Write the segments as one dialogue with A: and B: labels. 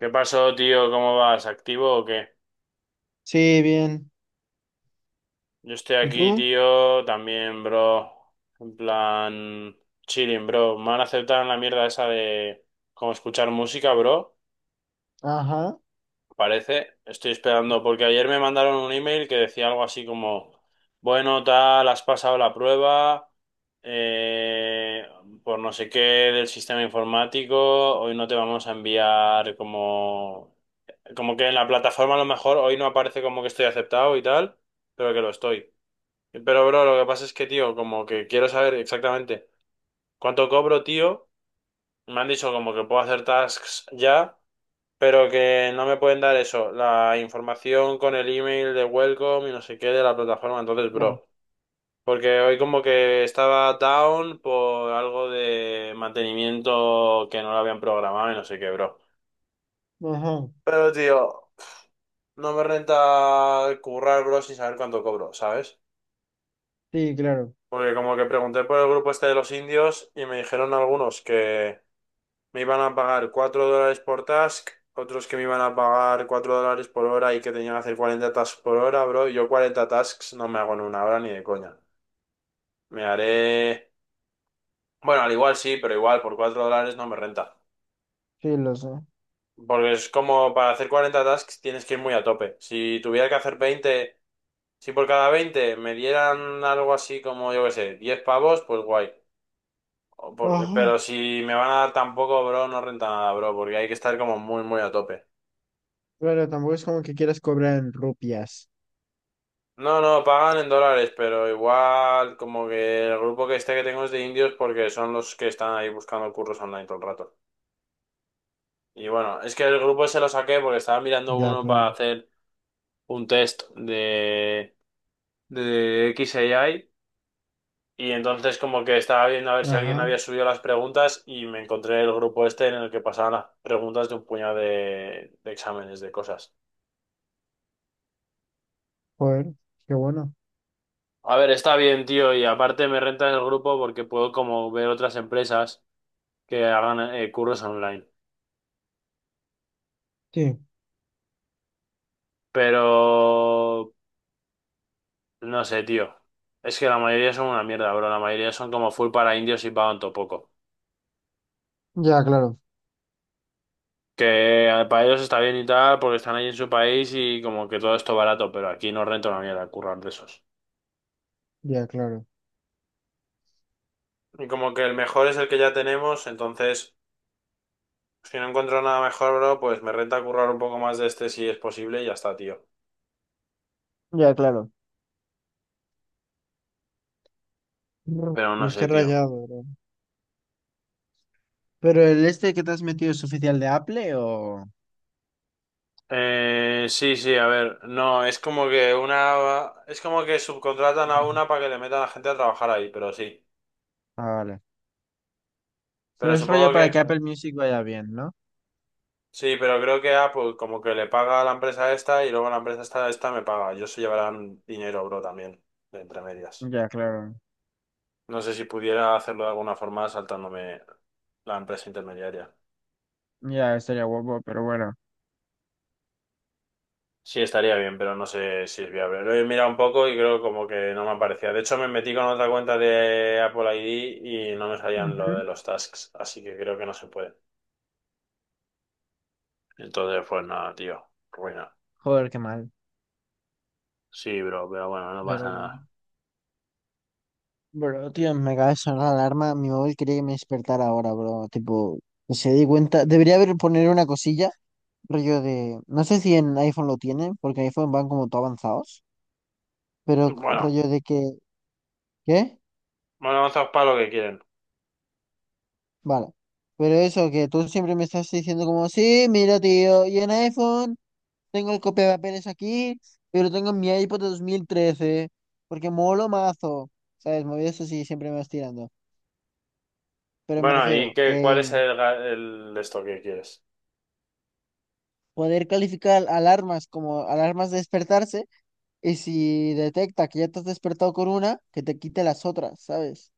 A: ¿Qué pasó, tío? ¿Cómo vas? ¿Activo o qué?
B: Sí, bien.
A: Yo estoy
B: ¿Y
A: aquí,
B: tú?
A: tío, también, bro. En plan, chilling, bro. Me han aceptado en la mierda esa de como escuchar música, bro.
B: Ajá.
A: Parece. Estoy esperando, porque ayer me mandaron un email que decía algo así como, bueno, tal, has pasado la prueba, eh, por no sé qué del sistema informático, hoy no te vamos a enviar como. Como que en la plataforma a lo mejor hoy no aparece como que estoy aceptado y tal, pero que lo estoy. Pero, bro, lo que pasa es que, tío, como que quiero saber exactamente cuánto cobro, tío. Me han dicho como que puedo hacer tasks ya, pero que no me pueden dar eso, la información con el email de welcome y no sé qué de la plataforma. Entonces,
B: Ya.
A: bro, porque hoy como que estaba down por algo de mantenimiento que no lo habían programado y no sé qué, bro.
B: Ajá.
A: Pero, tío, no me renta currar, bro, sin saber cuánto cobro, ¿sabes?
B: Sí, claro.
A: Porque como que pregunté por el grupo este de los indios y me dijeron algunos que me iban a pagar $4 por task, otros que me iban a pagar 4 dólares por hora y que tenían que hacer 40 tasks por hora, bro. Yo 40 tasks no me hago en una hora ni de coña. Me haré... Bueno, al igual sí, pero igual por $4 no me renta.
B: Sí, lo sé.
A: Porque es como para hacer 40 tasks tienes que ir muy a tope. Si tuviera que hacer 20. Si por cada 20 me dieran algo así como, yo qué sé, 10 pavos, pues guay. Pero
B: Ajá.
A: si me van a dar tampoco, bro, no renta nada, bro, porque hay que estar como muy, muy a tope.
B: Claro, tampoco es como que quieras cobrar en rupias.
A: No, no, pagan en dólares, pero igual como que el grupo que este que tengo es de indios porque son los que están ahí buscando curros online todo el rato. Y bueno, es que el grupo se lo saqué porque estaba mirando
B: Ya,
A: uno para
B: claro.
A: hacer un test de XAI. Y entonces como que estaba viendo a ver si alguien
B: Ajá,
A: había subido las preguntas y me encontré el grupo este en el que pasaban las preguntas de un puñado de exámenes, de cosas.
B: joder, qué bueno.
A: A ver, está bien, tío, y aparte me renta el grupo porque puedo como ver otras empresas que hagan cursos online.
B: Sí.
A: Pero no sé, tío. Es que la mayoría son una mierda, bro. La mayoría son como full para indios y pagan todo poco.
B: Ya, claro,
A: Que para ellos está bien y tal, porque están ahí en su país y como que todo esto barato, pero aquí no renta una mierda currar de esos.
B: ya, claro.
A: Y como que el mejor es el que ya tenemos, entonces si no encuentro nada mejor, bro, pues me renta currar un poco más de este si es posible y ya está, tío.
B: Ya, claro. Brr,
A: Pero no
B: pues
A: sé,
B: qué
A: tío.
B: rayado, bro. Pero el este que te has metido es oficial de Apple o...
A: Sí, sí, a ver, no, es como que una, es como que subcontratan a
B: Ujú.
A: una para que le metan a gente a trabajar ahí, pero sí.
B: Ah, vale. Pero
A: Pero
B: es
A: supongo
B: rollo
A: que,
B: para que Apple Music vaya bien, ¿no?
A: sí, pero creo que Apple como que le paga a la empresa esta y luego la empresa esta me paga. Yo se llevarán dinero, bro, también, de entre medias.
B: Ya, claro.
A: No sé si pudiera hacerlo de alguna forma saltándome la empresa intermediaria.
B: Ya, estaría guapo, pero bueno.
A: Sí, estaría bien, pero no sé si es viable. Lo he mirado un poco y creo como que no me aparecía. De hecho, me metí con otra cuenta de Apple ID y no me salían lo
B: Ujú.
A: de los tasks, así que creo que no se puede. Entonces, pues nada, tío, ruina.
B: Joder, qué mal.
A: Sí, bro, pero bueno, no pasa
B: Pero bueno.
A: nada.
B: Bro, tío, me acaba de sonar la alarma. Mi móvil quería que me despertara ahora, bro. Tipo, se di cuenta. Debería haber poner una cosilla, rollo de. No sé si en iPhone lo tienen, porque en iPhone van como todo avanzados. Pero
A: Bueno,
B: rollo de que. ¿Qué?
A: bueno, avanzados para lo que quieren.
B: Vale. Pero eso, que tú siempre me estás diciendo como, sí, mira, tío, y en iPhone tengo el papeles aquí, pero tengo mi iPod de 2013 porque molo mazo. ¿Sabes? Movidas así, siempre me vas tirando. Pero me
A: Bueno, ¿y
B: refiero
A: qué, cuál
B: que.
A: es el esto que quieres?
B: Poder calificar alarmas como alarmas de despertarse y si detecta que ya te has despertado con una, que te quite las otras, ¿sabes?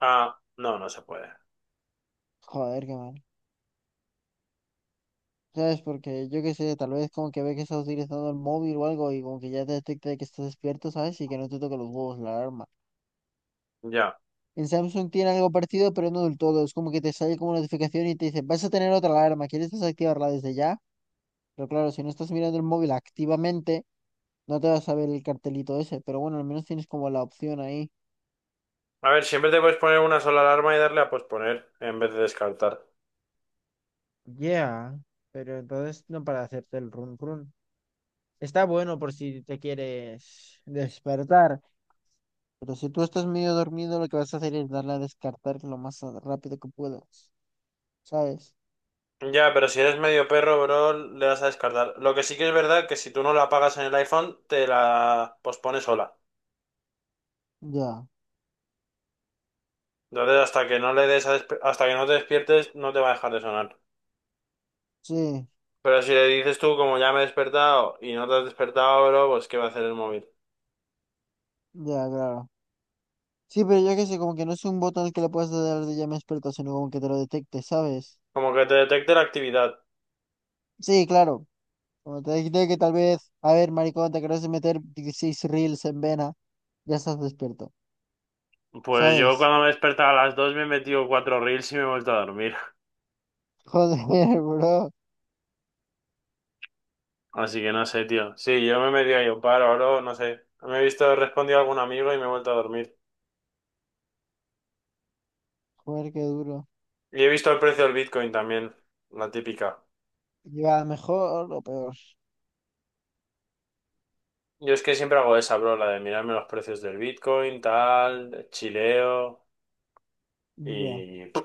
A: Ah, no, no se puede.
B: Joder, qué mal. ¿Sabes? Porque yo qué sé, tal vez como que ve que estás utilizando el móvil o algo y como que ya te detecta de que estás despierto, ¿sabes? Y que no te toque los huevos la alarma.
A: Ya.
B: En Samsung tiene algo parecido pero no del todo. Es como que te sale como notificación y te dice, vas a tener otra alarma, ¿quieres desactivarla desde ya? Pero claro, si no estás mirando el móvil activamente, no te vas a ver el cartelito ese. Pero bueno, al menos tienes como la opción ahí.
A: A ver, siempre te puedes poner una sola alarma y darle a posponer en vez de descartar.
B: Yeah, pero entonces no para hacerte el run run. Está bueno por si te quieres despertar, pero si tú estás medio dormido, lo que vas a hacer es darle a descartar lo más rápido que puedas, ¿sabes?
A: Ya, pero si eres medio perro, bro, le vas a descartar. Lo que sí que es verdad que si tú no la apagas en el iPhone, te la pospone sola.
B: Ya,
A: Entonces, hasta que no le des a hasta que no te despiertes, no te va a dejar de sonar.
B: sí,
A: Pero si le dices tú, como ya me he despertado y no te has despertado, bro, pues ¿qué va a hacer el móvil?
B: ya, claro. Sí, pero yo qué sé, como que no es un botón que le puedas dar de ya me experto, sino como que te lo detecte, ¿sabes?
A: Como que te detecte la actividad.
B: Sí, claro. Como te dije que tal vez, a ver, maricón, te querés meter 16 reels en vena, ya estás despierto,
A: Pues yo
B: ¿sabes?
A: cuando me he despertado a las 2 me he metido cuatro reels y me he vuelto a dormir.
B: Joder, bro.
A: Así que no sé, tío. Sí, yo me he metido ahí un paro, bro, no sé. Me he visto, he respondido a algún amigo y me he vuelto a dormir.
B: Joder, qué duro.
A: Y he visto el precio del Bitcoin también, la típica.
B: ¿Iba mejor o peor?
A: Yo es que siempre hago esa, bro, la de mirarme los precios del Bitcoin, tal, chileo
B: Ya,
A: y... ¡pum!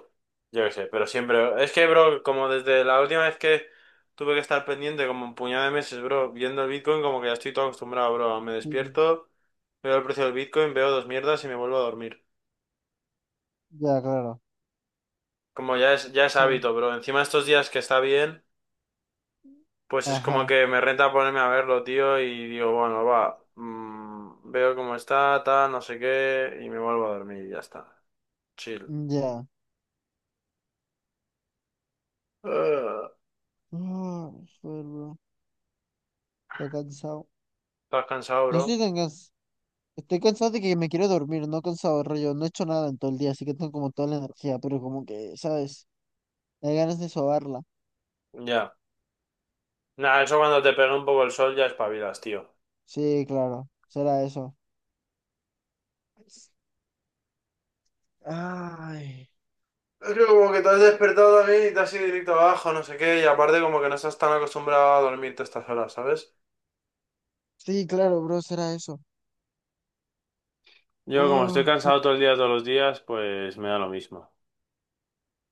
A: Yo qué sé, pero siempre... Es que, bro, como desde la última vez que tuve que estar pendiente como un puñado de meses, bro, viendo el Bitcoin, como que ya estoy todo acostumbrado, bro. Me
B: sí,
A: despierto, veo el precio del Bitcoin, veo dos mierdas y me vuelvo a dormir.
B: ya, claro.
A: Como ya es
B: Joder.
A: hábito, bro. Encima estos días que está bien... Pues es como
B: Ajá,
A: que me renta ponerme a verlo, tío, y digo, bueno, va, veo cómo está, tal, no sé qué, y me vuelvo a dormir y ya está. Chill.
B: ya.
A: Ah,
B: Ah, joder, bro. Estoy cansado.
A: ¿estás cansado,
B: No estoy
A: bro?
B: tan cansado. Estoy cansado de que me quiero dormir, no cansado, rollo. No he hecho nada en todo el día, así que tengo como toda la energía, pero como que, ¿sabes? Hay ganas de sobarla.
A: Ya. Nada, eso cuando te pega un poco el sol ya espabilas, tío.
B: Sí, claro, será eso. Ay,
A: Es que como que te has despertado también y te has ido directo abajo, no sé qué, y aparte como que no estás tan acostumbrado a dormirte estas horas, ¿sabes?
B: sí, claro, bro, será eso.
A: Yo como estoy
B: Oh,
A: cansado todo el día, todos los días, pues me da lo mismo.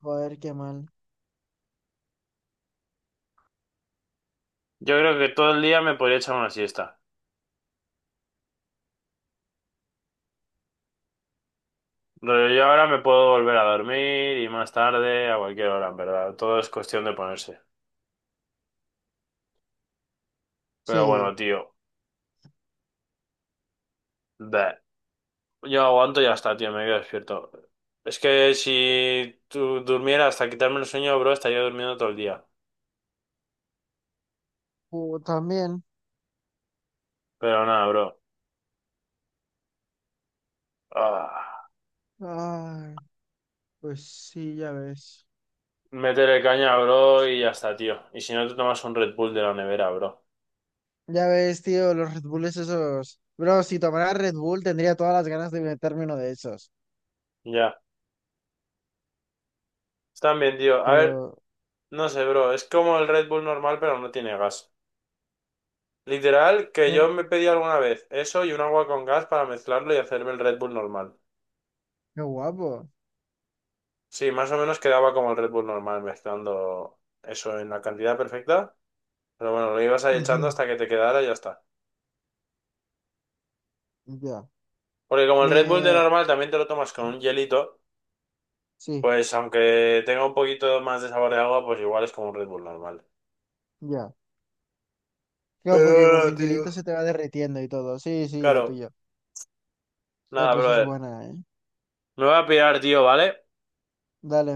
B: joder, qué mal.
A: Yo creo que todo el día me podría echar una siesta. No, yo ahora me puedo volver a dormir y más tarde, a cualquier hora, en verdad. Todo es cuestión de ponerse. Pero
B: Sí,
A: bueno, tío. Da. Yo aguanto y ya está, tío. Me quedo despierto. Es que si tú durmieras hasta quitarme el sueño, bro, estaría durmiendo todo el día.
B: también.
A: Pero nada, bro. Ah,
B: Ay, pues sí, ya ves.
A: métele caña, bro, y ya está, tío. Y si no, te tomas un Red Bull de la nevera, bro.
B: Ya ves, tío, los Red Bulls esos. Bro, si tomara Red Bull tendría todas las ganas de meterme uno de esos.
A: Ya. Están bien, tío. A ver,
B: Pero,
A: no sé, bro. Es como el Red Bull normal, pero no tiene gas. Literal, que yo
B: bueno,
A: me pedí alguna vez eso y un agua con gas para mezclarlo y hacerme el Red Bull normal.
B: qué guapo.
A: Sí, más o menos quedaba como el Red Bull normal, mezclando eso en la cantidad perfecta. Pero bueno, lo ibas ahí echando
B: Ujú.
A: hasta que te quedara y ya está.
B: Ya.
A: Porque como el Red Bull de
B: Me.
A: normal también te lo tomas con un hielito,
B: Sí,
A: pues aunque tenga un poquito más de sabor de agua, pues igual es como un Red Bull normal.
B: ya. Claro,
A: Pero
B: porque como que
A: bueno,
B: el
A: tío.
B: hielito se te va derritiendo y todo. Sí, sí, lo
A: Claro,
B: pillo.
A: nada,
B: Pues es
A: brother.
B: buena, ¿eh?
A: Me voy a pirar, tío, ¿vale?
B: Dale.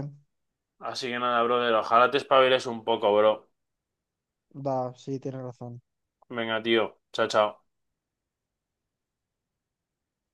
A: Así que nada, brother, ojalá te espabiles un poco, bro.
B: Va, sí, tienes razón.
A: Venga, tío. Chao, chao.